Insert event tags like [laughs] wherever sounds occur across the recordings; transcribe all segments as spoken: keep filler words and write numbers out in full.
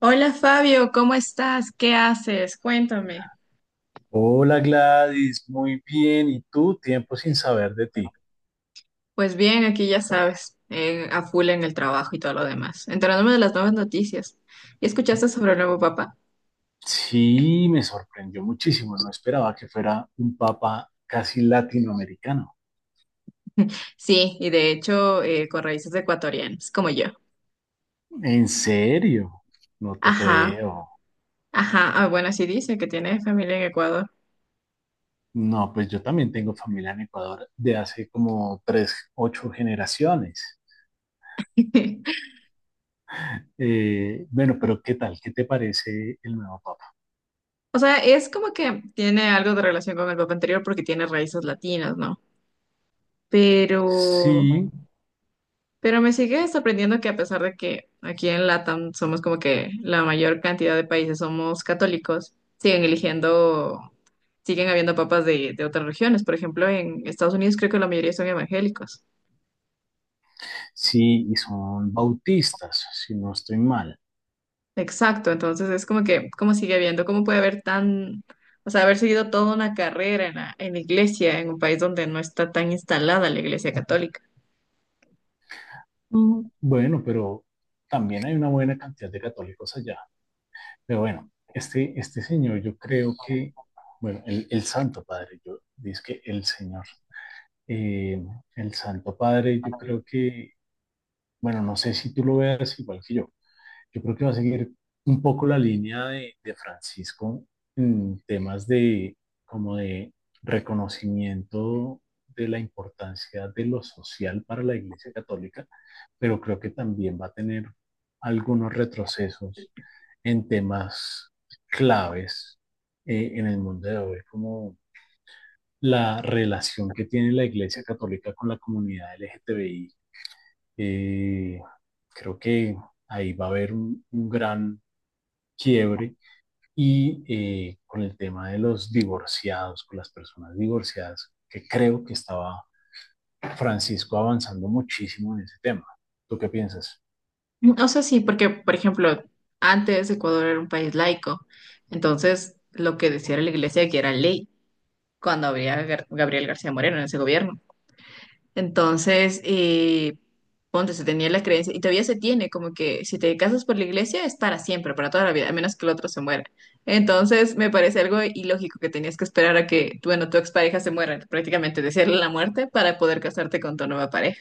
Hola Fabio, ¿cómo estás? ¿Qué haces? Cuéntame. Hola Gladys, muy bien. ¿Y tú? Tiempo sin saber de ti. Pues bien, aquí ya sabes, en- a full en el trabajo y todo lo demás, enterándome de las nuevas noticias. ¿Y escuchaste sobre el nuevo Papa? Sí, me sorprendió muchísimo. No esperaba que fuera un papa casi latinoamericano. Sí, y de hecho eh, con raíces ecuatorianas, como yo. ¿En serio? No te Ajá, creo. ajá. Ah, bueno, así dice que tiene familia en Ecuador. No, pues yo también tengo familia en Ecuador de hace como tres, ocho generaciones. [laughs] Eh, bueno, pero ¿qué tal? ¿Qué te parece el nuevo papa? O sea, es como que tiene algo de relación con el Papa anterior porque tiene raíces latinas, ¿no? Pero Sí, Pero me sigue sorprendiendo que a pesar de que aquí en LATAM somos como que la mayor cantidad de países somos católicos, siguen eligiendo, siguen habiendo papas de, de otras regiones. Por ejemplo, en Estados Unidos creo que la mayoría son evangélicos. sí, y son bautistas, si no estoy mal. Exacto, entonces es como que, ¿cómo sigue habiendo? ¿Cómo puede haber tan, o sea, haber seguido toda una carrera en la, en la iglesia, en un país donde no está tan instalada la iglesia católica? Mm, bueno, pero también hay una buena cantidad de católicos allá. Pero bueno, este, este señor, yo creo que, bueno, el, el Santo Padre, yo dice que el Señor, eh, el Santo Padre, yo creo que, bueno, no sé si tú lo veas igual que yo, yo creo que va a seguir un poco la línea de, de Francisco en temas de como de reconocimiento de la importancia de lo social para la Iglesia Católica, pero creo que también va a tener algunos retrocesos en temas claves eh, en el mundo de hoy, como la relación que tiene la Iglesia Católica con la comunidad L G T B I. Eh, Creo que ahí va a haber un, un gran quiebre y eh, con el tema de los divorciados, con las personas divorciadas, que creo que estaba Francisco avanzando muchísimo en ese tema. ¿Tú qué piensas? O sea, sí, porque, por ejemplo, antes Ecuador era un país laico, entonces lo que decía la iglesia que era ley cuando había Gar- Gabriel García Moreno en ese gobierno. Entonces, eh, ponte, se tenía la creencia, y todavía se tiene, como que si te casas por la iglesia es para siempre, para toda la vida, a menos que el otro se muera. Entonces, me parece algo ilógico que tenías que esperar a que, bueno, tu expareja se muera, prácticamente desearle la muerte para poder casarte con tu nueva pareja.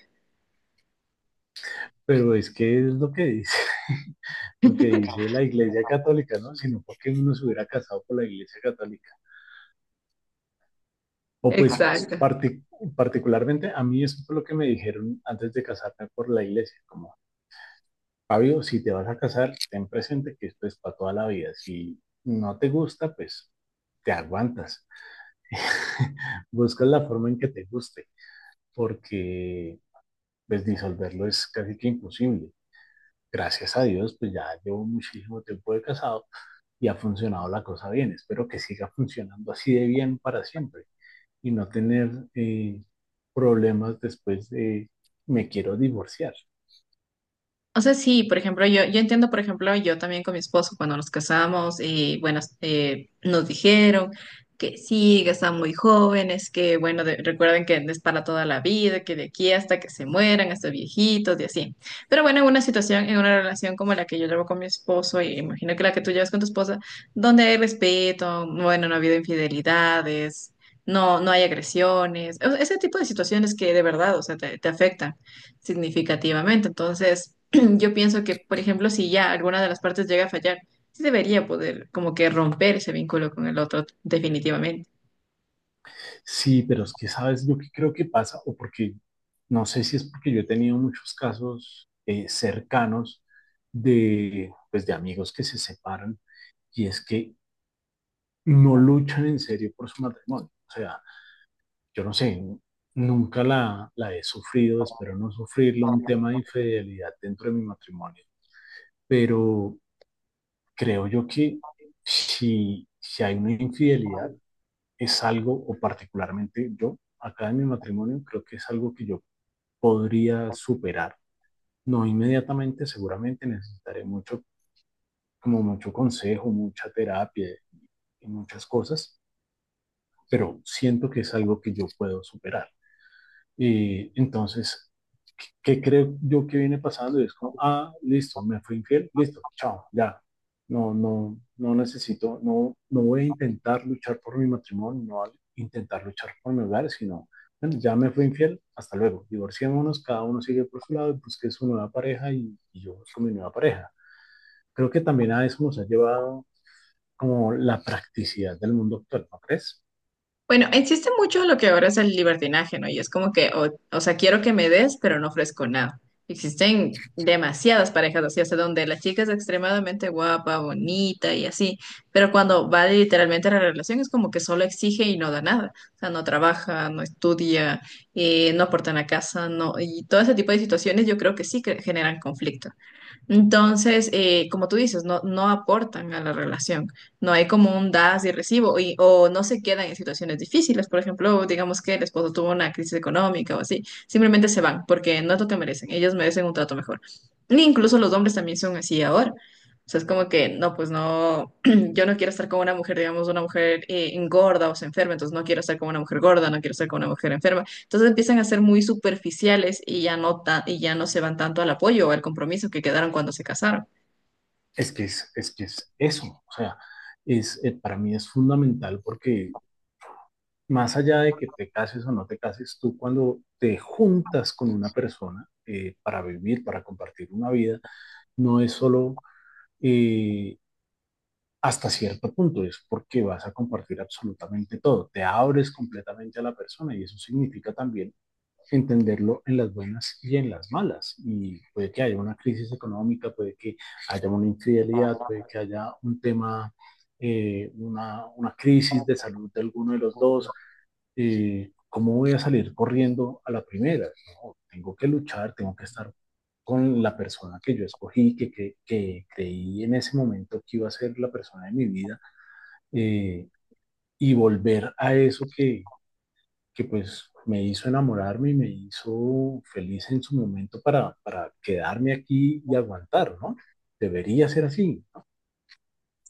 Pero es que es lo que dice, [laughs] lo que dice la Iglesia Católica, ¿no? Sino porque uno se hubiera casado por la Iglesia Católica. Ah, O pues pues exacto. partic- particularmente a mí eso fue lo que me dijeron antes de casarme por la Iglesia, como Fabio, si te vas a casar, ten presente que esto es para toda la vida. Si no te gusta, pues te aguantas. [laughs] Buscas la forma en que te guste, porque pues disolverlo es casi que imposible. Gracias a Dios, pues ya llevo muchísimo tiempo de casado y ha funcionado la cosa bien. Espero que siga funcionando así de bien para siempre y no tener eh, problemas después de me quiero divorciar. O sea, sí, por ejemplo, yo, yo entiendo, por ejemplo, yo también con mi esposo cuando nos casamos, y bueno, eh, nos dijeron que sí, que están muy jóvenes, que bueno, de- recuerden que es para toda la vida, que de aquí hasta que se mueran, hasta viejitos y así. Pero bueno, en una situación, en una relación como la que yo llevo con mi esposo, y imagino que la que tú llevas con tu esposa, donde hay respeto, bueno, no ha habido infidelidades, no, no hay agresiones, o sea, ese tipo de situaciones que de verdad, o sea, te te afectan significativamente. Entonces, yo pienso que, por ejemplo, si ya alguna de las partes llega a fallar, sí debería poder como que romper ese vínculo con el otro definitivamente. Sí, pero es que sabes lo que creo que pasa, o porque no sé si es porque yo he tenido muchos casos eh, cercanos de, pues, de amigos que se separan y es que no luchan en serio por su matrimonio. O sea, yo no sé, nunca la, la he sufrido, espero no sufrirlo, un tema de infidelidad dentro de mi matrimonio, pero creo yo que si, si hay una infidelidad, es algo, o particularmente yo, acá en mi matrimonio, creo que es algo que yo podría superar. No inmediatamente, seguramente necesitaré mucho, como mucho consejo, mucha terapia y muchas cosas, pero siento que es algo que yo puedo superar. Y entonces, ¿qué creo yo que viene pasando? Y es como, ah, listo, me fui infiel, listo, chao, ya. No, no, no necesito, no, no voy a intentar luchar por mi matrimonio, no voy a intentar luchar por mi hogar, sino, bueno, ya me fui infiel, hasta luego. Divorciémonos, cada uno sigue por su lado y busque su nueva pareja y, y yo busco mi nueva pareja. Creo que también a eso nos ha llevado como la practicidad del mundo actual, ¿no crees? Bueno, existe mucho lo que ahora es el libertinaje, ¿no? Y es como que, o, o sea, quiero que me des, pero no ofrezco nada. Existen demasiadas parejas así, hasta donde la chica es extremadamente guapa, bonita y así, pero cuando va literalmente a la relación es como que solo exige y no da nada. O sea, no trabaja, no estudia, eh, no aporta en la casa, no, y todo ese tipo de situaciones yo creo que sí que generan conflicto. Entonces, eh, como tú dices, no, no aportan a la relación. No hay como un das y recibo y, o no se quedan en situaciones difíciles. Por ejemplo, digamos que el esposo tuvo una crisis económica o así. Simplemente se van porque no es lo que merecen. Ellos merecen un trato mejor. E incluso los hombres también son así ahora. O sea, es como que, no, pues no, [clears throat] yo no quiero estar con una mujer, digamos, una mujer eh, engorda o se enferma, entonces no quiero estar con una mujer gorda, no quiero estar con una mujer enferma. Entonces empiezan a ser muy superficiales y ya no ta- y ya no se van tanto al apoyo o al compromiso que quedaron cuando se casaron. Es que es, es que es eso, o sea, es, eh, para mí es fundamental porque más allá de que te cases o no te cases, tú cuando te juntas con una persona eh, para vivir, para compartir una vida, no es solo eh, hasta cierto punto, es porque vas a compartir absolutamente todo, te abres completamente a la persona y eso significa también entenderlo en las buenas y en las malas. Y puede que haya una crisis económica, puede que haya una infidelidad, puede que haya un tema, eh, una, una, crisis de salud de alguno de los dos. Eh, ¿Cómo voy a salir corriendo a la primera? No, tengo que luchar, tengo que estar con la persona que yo escogí, que, que, que creí en ese momento que iba a ser la persona de mi vida, eh, y volver a eso que, que pues me hizo enamorarme y me hizo feliz en su momento para, para quedarme aquí y aguantar, ¿no? Debería ser así, ¿no?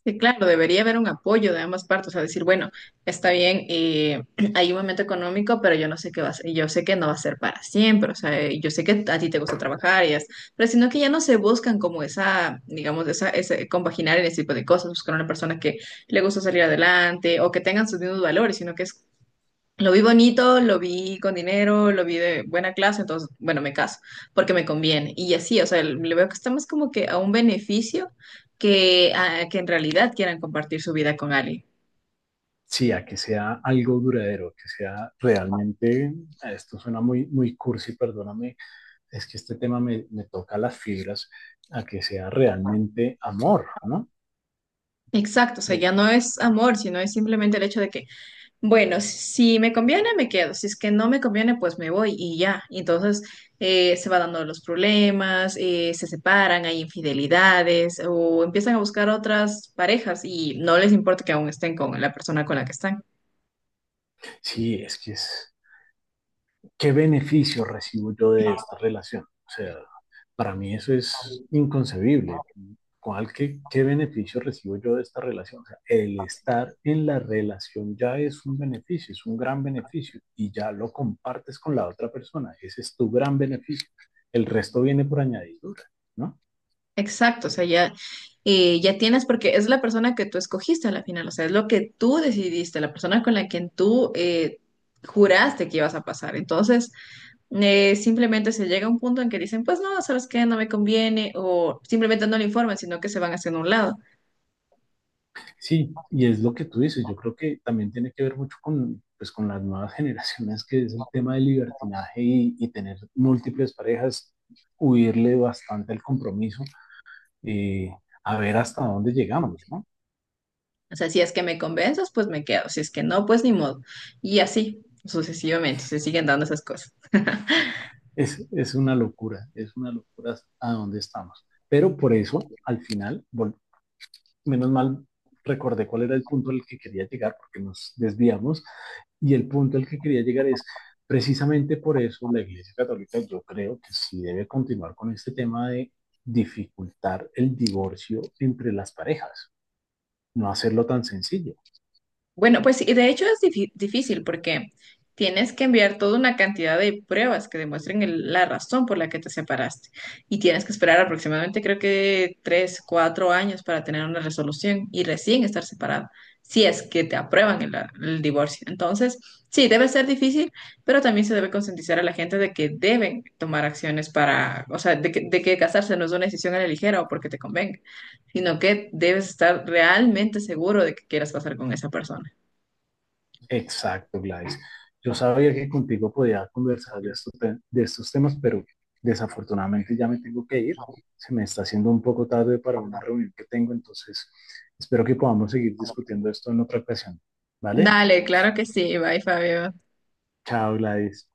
Sí, claro, debería haber un apoyo de ambas partes, o sea, decir, bueno, está bien, eh, [clears throat] hay un momento económico, pero yo no sé qué va a ser, yo sé que no va a ser para siempre, o sea, eh, yo sé que a ti te gusta trabajar y es, pero sino que ya no se buscan como esa, digamos, esa, ese compaginar en ese tipo de cosas, buscar una persona que le gusta salir adelante o que tengan sus mismos valores, sino que es lo vi bonito, lo vi con dinero, lo vi de buena clase, entonces, bueno, me caso porque me conviene. Y así, o sea, le veo que está más como que a un beneficio que, a- que en realidad quieran compartir su vida con alguien. Sí, a que sea algo duradero, que sea realmente, esto suena muy, muy cursi, perdóname, es que este tema me, me toca las fibras, a que sea realmente amor, ¿no? Exacto, o sea, Eh, ya no es amor, sino es simplemente el hecho de que, bueno, si me conviene, me quedo, si es que no me conviene, pues me voy y ya. Y entonces, eh, se van dando los problemas, eh, se separan, hay infidelidades o empiezan a buscar otras parejas y no les importa que aún estén con la persona con la que están. sí, es que es, ¿qué beneficio recibo yo de esta relación? O sea, para mí eso es inconcebible. ¿Cuál, qué, qué beneficio recibo yo de esta relación? O sea, el estar en la relación ya es un beneficio, es un gran beneficio y ya lo compartes con la otra persona. Ese es tu gran beneficio. El resto viene por añadidura, ¿no? Exacto, o sea, ya, eh, ya tienes, porque es la persona que tú escogiste a la final, o sea, es lo que tú decidiste, la persona con la que tú eh, juraste que ibas a pasar. Entonces, eh, simplemente se llega a un punto en que dicen, pues no, sabes qué, no me conviene, o simplemente no le informan, sino que se van haciendo a un lado. Sí, y es lo que tú dices. Yo creo que también tiene que ver mucho con, pues, con las nuevas [laughs] generaciones, que es el tema del libertinaje y, y tener múltiples parejas, huirle bastante al compromiso y a ver hasta dónde llegamos, ¿no? O sea, si es que me convences, pues me quedo, si es que no, pues ni modo. Y así, sucesivamente, se siguen dando esas cosas. Es, es una locura, es una locura a dónde estamos. Pero por eso, al final, menos mal recordé cuál era el punto al que quería llegar, porque nos desviamos, y el punto al que quería llegar es, precisamente por eso la Iglesia Católica yo creo que sí debe continuar con este tema de dificultar el divorcio entre las parejas, no hacerlo tan sencillo. Bueno, pues sí, de hecho es difí- difícil porque tienes que enviar toda una cantidad de pruebas que demuestren el- la razón por la que te separaste y tienes que esperar aproximadamente creo que tres, cuatro años para tener una resolución y recién estar separado, si es que te aprueban el, el divorcio. Entonces, sí, debe ser difícil, pero también se debe concientizar a la gente de que deben tomar acciones para, o sea, de que, de que casarse no es una decisión a la ligera o porque te convenga, sino que debes estar realmente seguro de que quieras pasar con esa persona. Exacto, Gladys. Yo sabía que contigo podía conversar de estos, te- de estos temas, pero desafortunadamente ya me tengo que ir. Se me está haciendo un poco tarde para una reunión que tengo, entonces espero que podamos seguir discutiendo esto en otra ocasión. ¿Vale? Dale, claro que sí. Bye, Fabio. Chao, Gladys.